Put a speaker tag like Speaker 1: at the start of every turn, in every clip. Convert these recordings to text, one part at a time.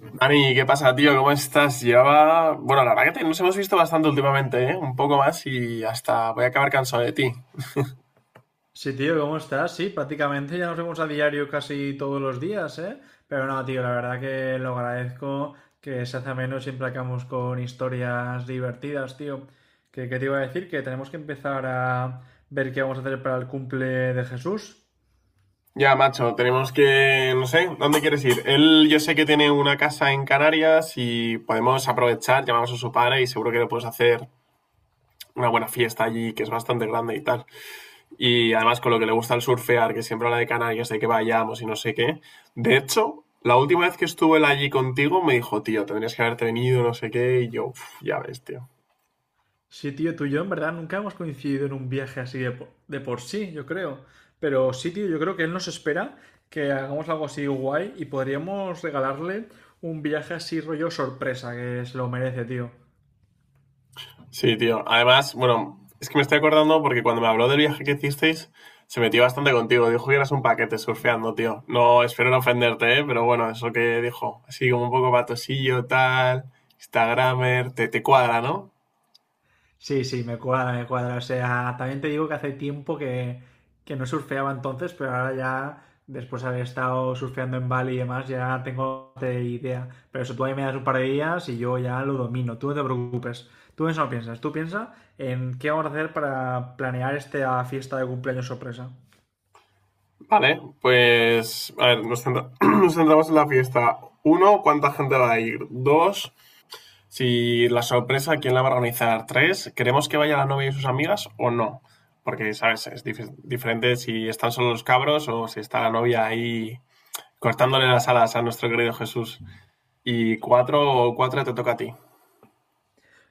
Speaker 1: Dani, ¿qué pasa, tío? ¿Cómo estás? Bueno, la verdad que nos hemos visto bastante últimamente, ¿eh? Un poco más y hasta voy a acabar cansado de ti.
Speaker 2: Sí, tío, ¿cómo estás? Sí, prácticamente ya nos vemos a diario casi todos los días, ¿eh? Pero no, tío, la verdad que lo agradezco que se hace menos siempre acabamos con historias divertidas, tío. Qué te iba a decir que tenemos que empezar a ver qué vamos a hacer para el cumple de Jesús.
Speaker 1: Ya, macho, No sé, ¿dónde quieres ir? Él yo sé que tiene una casa en Canarias y podemos aprovechar, llamamos a su padre y seguro que le puedes hacer una buena fiesta allí, que es bastante grande y tal. Y además con lo que le gusta el surfear, que siempre habla de Canarias, de que vayamos y no sé qué. De hecho, la última vez que estuvo él allí contigo me dijo, tío, tendrías que haberte venido, no sé qué, y yo, "Uf, ya ves, tío."
Speaker 2: Sí, tío, tú y yo en verdad nunca hemos coincidido en un viaje así de por sí, yo creo. Pero sí, tío, yo creo que él nos espera que hagamos algo así guay y podríamos regalarle un viaje así rollo sorpresa, que se lo merece, tío.
Speaker 1: Sí, tío. Además, bueno, es que me estoy acordando porque cuando me habló del viaje que hicisteis, se metió bastante contigo. Dijo que eras un paquete surfeando, tío. No, espero no ofenderte, ¿eh? Pero bueno, eso que dijo. Así como un poco patosillo, tal, Instagramer, te cuadra, ¿no?
Speaker 2: Sí, sí, me cuadra, me cuadra. O sea, también te digo que hace tiempo que no surfeaba entonces, pero ahora ya, después de haber estado surfeando en Bali y demás, ya tengo bastante idea. Pero eso tú ahí me das un par de días y yo ya lo domino. Tú no te preocupes. Tú en eso no piensas. Tú piensa en qué vamos a hacer para planear esta fiesta de cumpleaños sorpresa.
Speaker 1: Vale, pues, a ver, nos centramos en la fiesta. Uno, ¿cuánta gente va a ir? Dos, si la sorpresa, ¿quién la va a organizar? ¿Tres? ¿Queremos que vaya la novia y sus amigas o no? Porque, ¿sabes? Es diferente si están solo los cabros o si está la novia ahí cortándole las alas a nuestro querido Jesús. Y cuatro, o cuatro te toca a ti.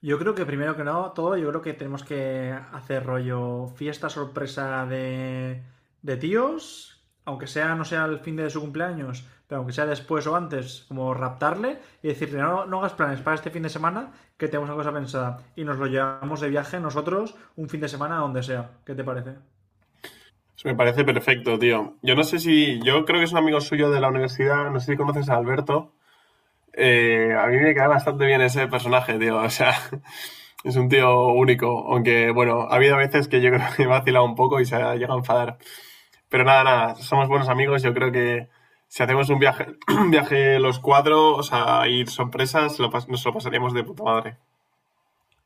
Speaker 2: Yo creo que primero que no, todo, yo creo que tenemos que hacer rollo fiesta sorpresa de tíos, aunque sea no sea el fin de su cumpleaños, pero aunque sea después o antes, como raptarle y decirle, no, no hagas planes para este fin de semana, que tenemos una cosa pensada. Y nos lo llevamos de viaje nosotros un fin de semana a donde sea. ¿Qué te parece?
Speaker 1: Eso me parece perfecto, tío. Yo no sé si. Yo creo que es un amigo suyo de la universidad. No sé si conoces a Alberto. A mí me cae bastante bien ese personaje, tío. O sea, es un tío único. Aunque, bueno, ha habido veces que yo creo que me ha vacilado un poco y se ha llegado a enfadar. Pero nada, nada, somos buenos amigos. Yo creo que si hacemos un viaje, un viaje los cuatro, o sea, ir sorpresas, nos lo pasaríamos de puta madre.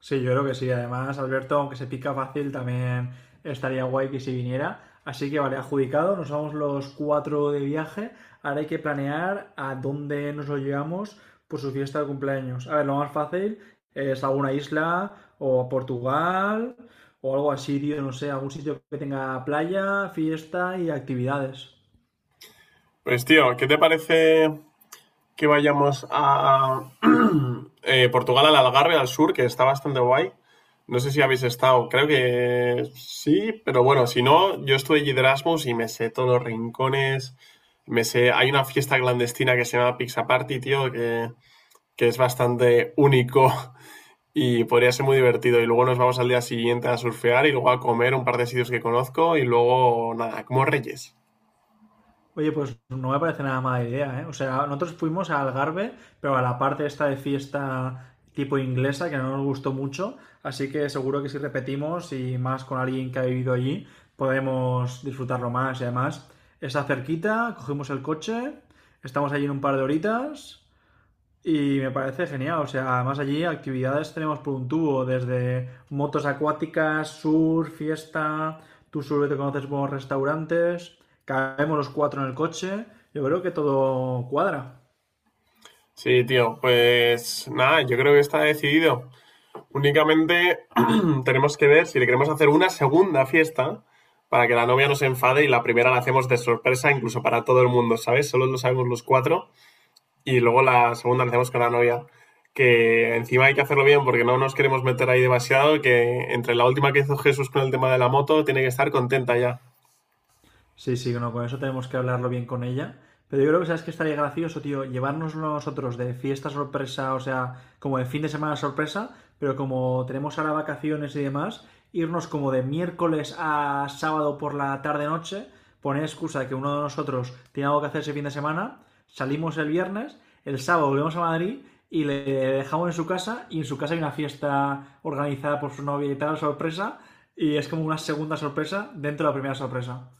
Speaker 2: Sí, yo creo que sí. Además, Alberto, aunque se pica fácil, también estaría guay que si viniera. Así que vale, adjudicado, nos vamos los cuatro de viaje. Ahora hay que planear a dónde nos lo llevamos por su fiesta de cumpleaños. A ver, lo más fácil es alguna isla o a Portugal o algo así, tío, no sé, algún sitio que tenga playa, fiesta y actividades.
Speaker 1: Pues tío, ¿qué te parece que vayamos a Portugal, al Algarve, al sur, que está bastante guay? No sé si habéis estado, creo que sí, pero bueno, si no, yo estuve allí de Erasmus y me sé todos los rincones, hay una fiesta clandestina que se llama Pizza Party, tío, que es bastante único. Y podría ser muy divertido. Y luego nos vamos al día siguiente a surfear y luego a comer un par de sitios que conozco y luego nada, como reyes.
Speaker 2: Oye, pues no me parece nada mala idea, ¿eh? O sea, nosotros fuimos a Algarve, pero a la parte esta de fiesta tipo inglesa, que no nos gustó mucho, así que seguro que si repetimos y más con alguien que ha vivido allí, podemos disfrutarlo más. Y además, está cerquita, cogimos el coche, estamos allí en un par de horitas y me parece genial, o sea, además allí actividades tenemos por un tubo, desde motos acuáticas, surf fiesta, tú solo te conoces buenos restaurantes, caemos los cuatro en el coche, yo creo que todo cuadra.
Speaker 1: Sí, tío, pues nada, yo creo que está decidido. Únicamente tenemos que ver si le queremos hacer una segunda fiesta para que la novia no se enfade y la primera la hacemos de sorpresa incluso para todo el mundo, ¿sabes? Solo lo sabemos los cuatro. Y luego la segunda la hacemos con la novia, que encima hay que hacerlo bien porque no nos queremos meter ahí demasiado, que entre la última que hizo Jesús con el tema de la moto, tiene que estar contenta ya.
Speaker 2: Sí, sí, no, con eso tenemos que hablarlo bien con ella. Pero yo creo que sabes que estaría gracioso, tío, llevarnos nosotros de fiesta sorpresa, o sea, como de fin de semana sorpresa, pero como tenemos ahora vacaciones y demás, irnos como de miércoles a sábado por la tarde-noche, poner excusa de que uno de nosotros tiene algo que hacer ese fin de semana, salimos el viernes, el sábado volvemos a Madrid y le dejamos en su casa y en su casa hay una fiesta organizada por su novia y tal, sorpresa, y es como una segunda sorpresa dentro de la primera sorpresa.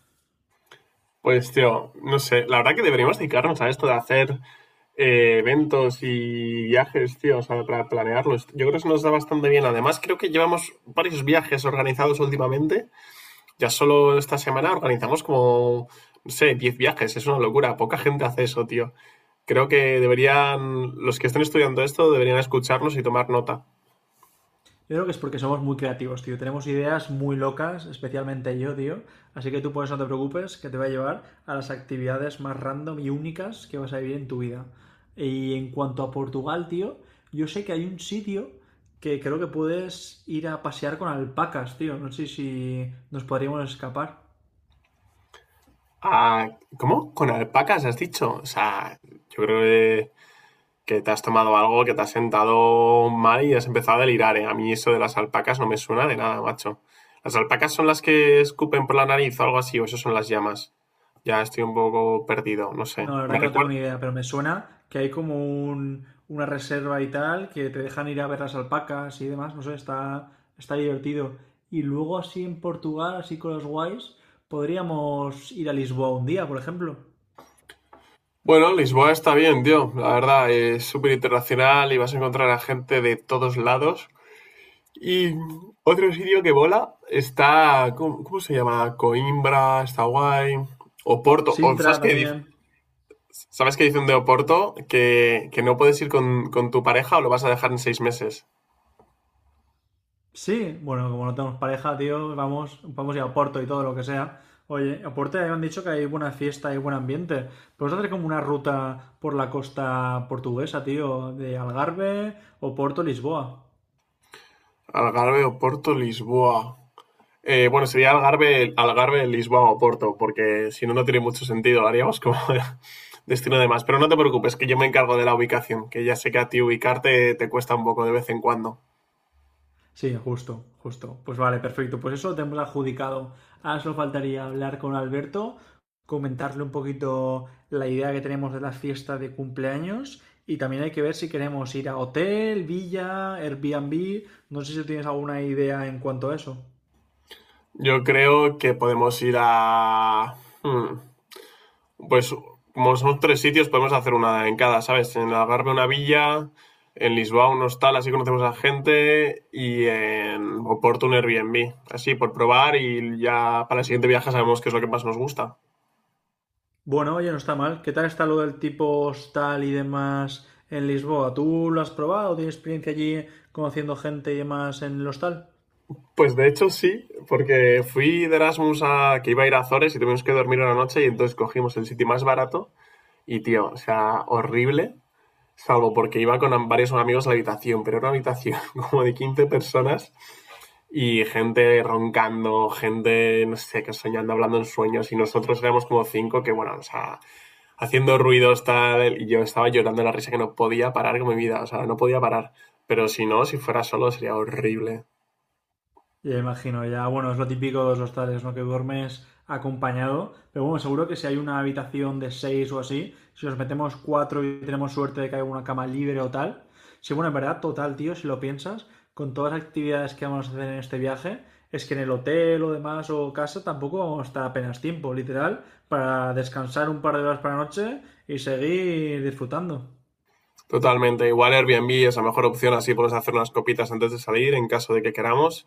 Speaker 1: Pues, tío, no sé, la verdad que deberíamos dedicarnos a esto de hacer eventos y viajes, tío, o sea, para planearlos. Yo creo que eso nos da bastante bien. Además, creo que llevamos varios viajes organizados últimamente. Ya solo esta semana organizamos como, no sé, 10 viajes. Es una locura. Poca gente hace eso, tío. Creo que deberían, los que estén estudiando esto, deberían escucharnos y tomar nota.
Speaker 2: Yo creo que es porque somos muy creativos, tío. Tenemos ideas muy locas, especialmente yo, tío. Así que tú por no te preocupes, que te va a llevar a las actividades más random y únicas que vas a vivir en tu vida. Y en cuanto a Portugal, tío, yo sé que hay un sitio que creo que puedes ir a pasear con alpacas, tío. No sé si nos podríamos escapar.
Speaker 1: Ah, ¿cómo? ¿Con alpacas has dicho? O sea, yo creo que te has tomado algo, que te has sentado mal y has empezado a delirar, ¿eh? A mí eso de las alpacas no me suena de nada, macho. ¿Las alpacas son las que escupen por la nariz o algo así? ¿O eso son las llamas? Ya estoy un poco perdido, no sé.
Speaker 2: No, la verdad
Speaker 1: ¿Me
Speaker 2: que no tengo
Speaker 1: recuerdas?
Speaker 2: ni idea, pero me suena que hay como una reserva y tal, que te dejan ir a ver las alpacas y demás, no sé, está divertido. Y luego así en Portugal, así con los guays, podríamos ir a Lisboa un día, por ejemplo.
Speaker 1: Bueno, Lisboa está bien, tío. La verdad, es súper internacional y vas a encontrar a gente de todos lados. Y otro sitio que bola está, ¿cómo se llama? Coimbra, está guay. Oporto. O, ¿sabes,
Speaker 2: Sintra
Speaker 1: qué, di-
Speaker 2: también.
Speaker 1: ¿Sabes qué dicen de Oporto? Que no puedes ir con tu pareja o lo vas a dejar en 6 meses.
Speaker 2: Sí, bueno, como no tenemos pareja, tío, vamos, vamos a ir a Porto y todo lo que sea. Oye, a Porto ya me han dicho que hay buena fiesta y buen ambiente. Podemos hacer como una ruta por la costa portuguesa, tío, de Algarve o Porto, Lisboa.
Speaker 1: Algarve, Oporto, Lisboa. Bueno, sería Algarve, Lisboa o Porto, porque si no, no tiene mucho sentido. Haríamos como destino de más. Pero no te preocupes, que yo me encargo de la ubicación, que ya sé que a ti ubicarte te cuesta un poco de vez en cuando.
Speaker 2: Sí, justo, justo. Pues vale, perfecto. Pues eso lo tenemos adjudicado. Ahora solo faltaría hablar con Alberto, comentarle un poquito la idea que tenemos de las fiestas de cumpleaños y también hay que ver si queremos ir a hotel, villa, Airbnb. No sé si tienes alguna idea en cuanto a eso.
Speaker 1: Yo creo que podemos hmm, pues como son tres sitios, podemos hacer una en cada, ¿sabes? En Algarve una villa, en Lisboa un hostal, así conocemos a gente, y en Oporto un Airbnb, así por probar y ya para el siguiente viaje sabemos qué es lo que más nos gusta.
Speaker 2: Bueno, oye, no está mal. ¿Qué tal está lo del tipo hostal y demás en Lisboa? ¿Tú lo has probado? ¿Tienes experiencia allí conociendo gente y demás en el hostal?
Speaker 1: Pues de hecho sí, porque fui de Erasmus a que iba a ir a Azores y tuvimos que dormir una noche y entonces cogimos el sitio más barato y tío, o sea, horrible, salvo porque iba con varios amigos a la habitación, pero era una habitación como de 15 personas y gente roncando, gente, no sé, que soñando, hablando en sueños y nosotros éramos como cinco que bueno, o sea, haciendo ruidos tal y yo estaba llorando de la risa que no podía parar con mi vida, o sea, no podía parar, pero si no, si fuera solo sería horrible.
Speaker 2: Ya imagino, ya, bueno, es lo típico de los hostales, ¿no? Que duermes acompañado, pero bueno, seguro que si hay una habitación de seis o así, si nos metemos cuatro y tenemos suerte de que haya una cama libre o tal, sí, bueno, en verdad, total, tío, si lo piensas, con todas las actividades que vamos a hacer en este viaje, es que en el hotel o demás o casa tampoco vamos a estar apenas tiempo, literal, para descansar un par de horas para la noche y seguir disfrutando.
Speaker 1: Totalmente. Igual Airbnb es la mejor opción, así podemos hacer unas copitas antes de salir en caso de que queramos.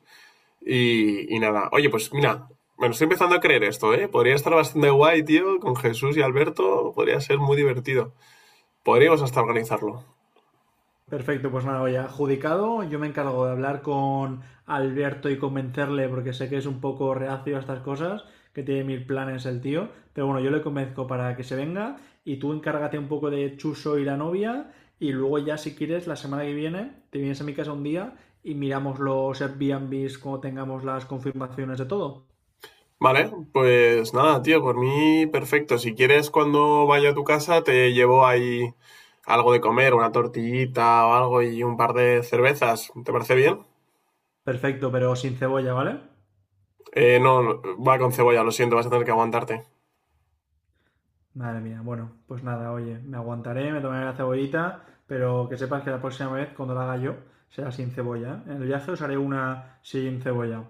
Speaker 1: Y nada. Oye, pues mira, me lo estoy empezando a creer esto, ¿eh? Podría estar bastante guay, tío, con Jesús y Alberto. Podría ser muy divertido. Podríamos hasta organizarlo.
Speaker 2: Perfecto, pues nada, ya adjudicado. Yo me encargo de hablar con Alberto y convencerle, porque sé que es un poco reacio a estas cosas, que tiene mil planes el tío. Pero bueno, yo le convenzco para que se venga y tú encárgate un poco de Chuso y la novia. Y luego ya, si quieres, la semana que viene te vienes a mi casa un día y miramos los Airbnbs cuando tengamos las confirmaciones de todo.
Speaker 1: Vale, pues nada, tío, por mí perfecto. Si quieres, cuando vaya a tu casa, te llevo ahí algo de comer, una tortillita o algo y un par de cervezas. ¿Te parece bien?
Speaker 2: Perfecto, pero sin cebolla, ¿vale?
Speaker 1: No, va con cebolla, lo siento, vas a tener que aguantarte.
Speaker 2: Madre mía, bueno, pues nada, oye, me aguantaré, me tomaré la cebollita, pero que sepas que la próxima vez, cuando la haga yo, será sin cebolla. ¿Eh? En el viaje os haré una sin cebolla.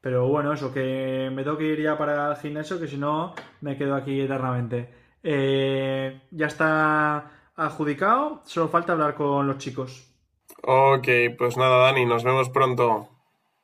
Speaker 2: Pero bueno, eso, que me tengo que ir ya para el gimnasio, que si no, me quedo aquí eternamente. Ya está adjudicado, solo falta hablar con los chicos.
Speaker 1: Ok, pues nada, Dani, nos vemos pronto.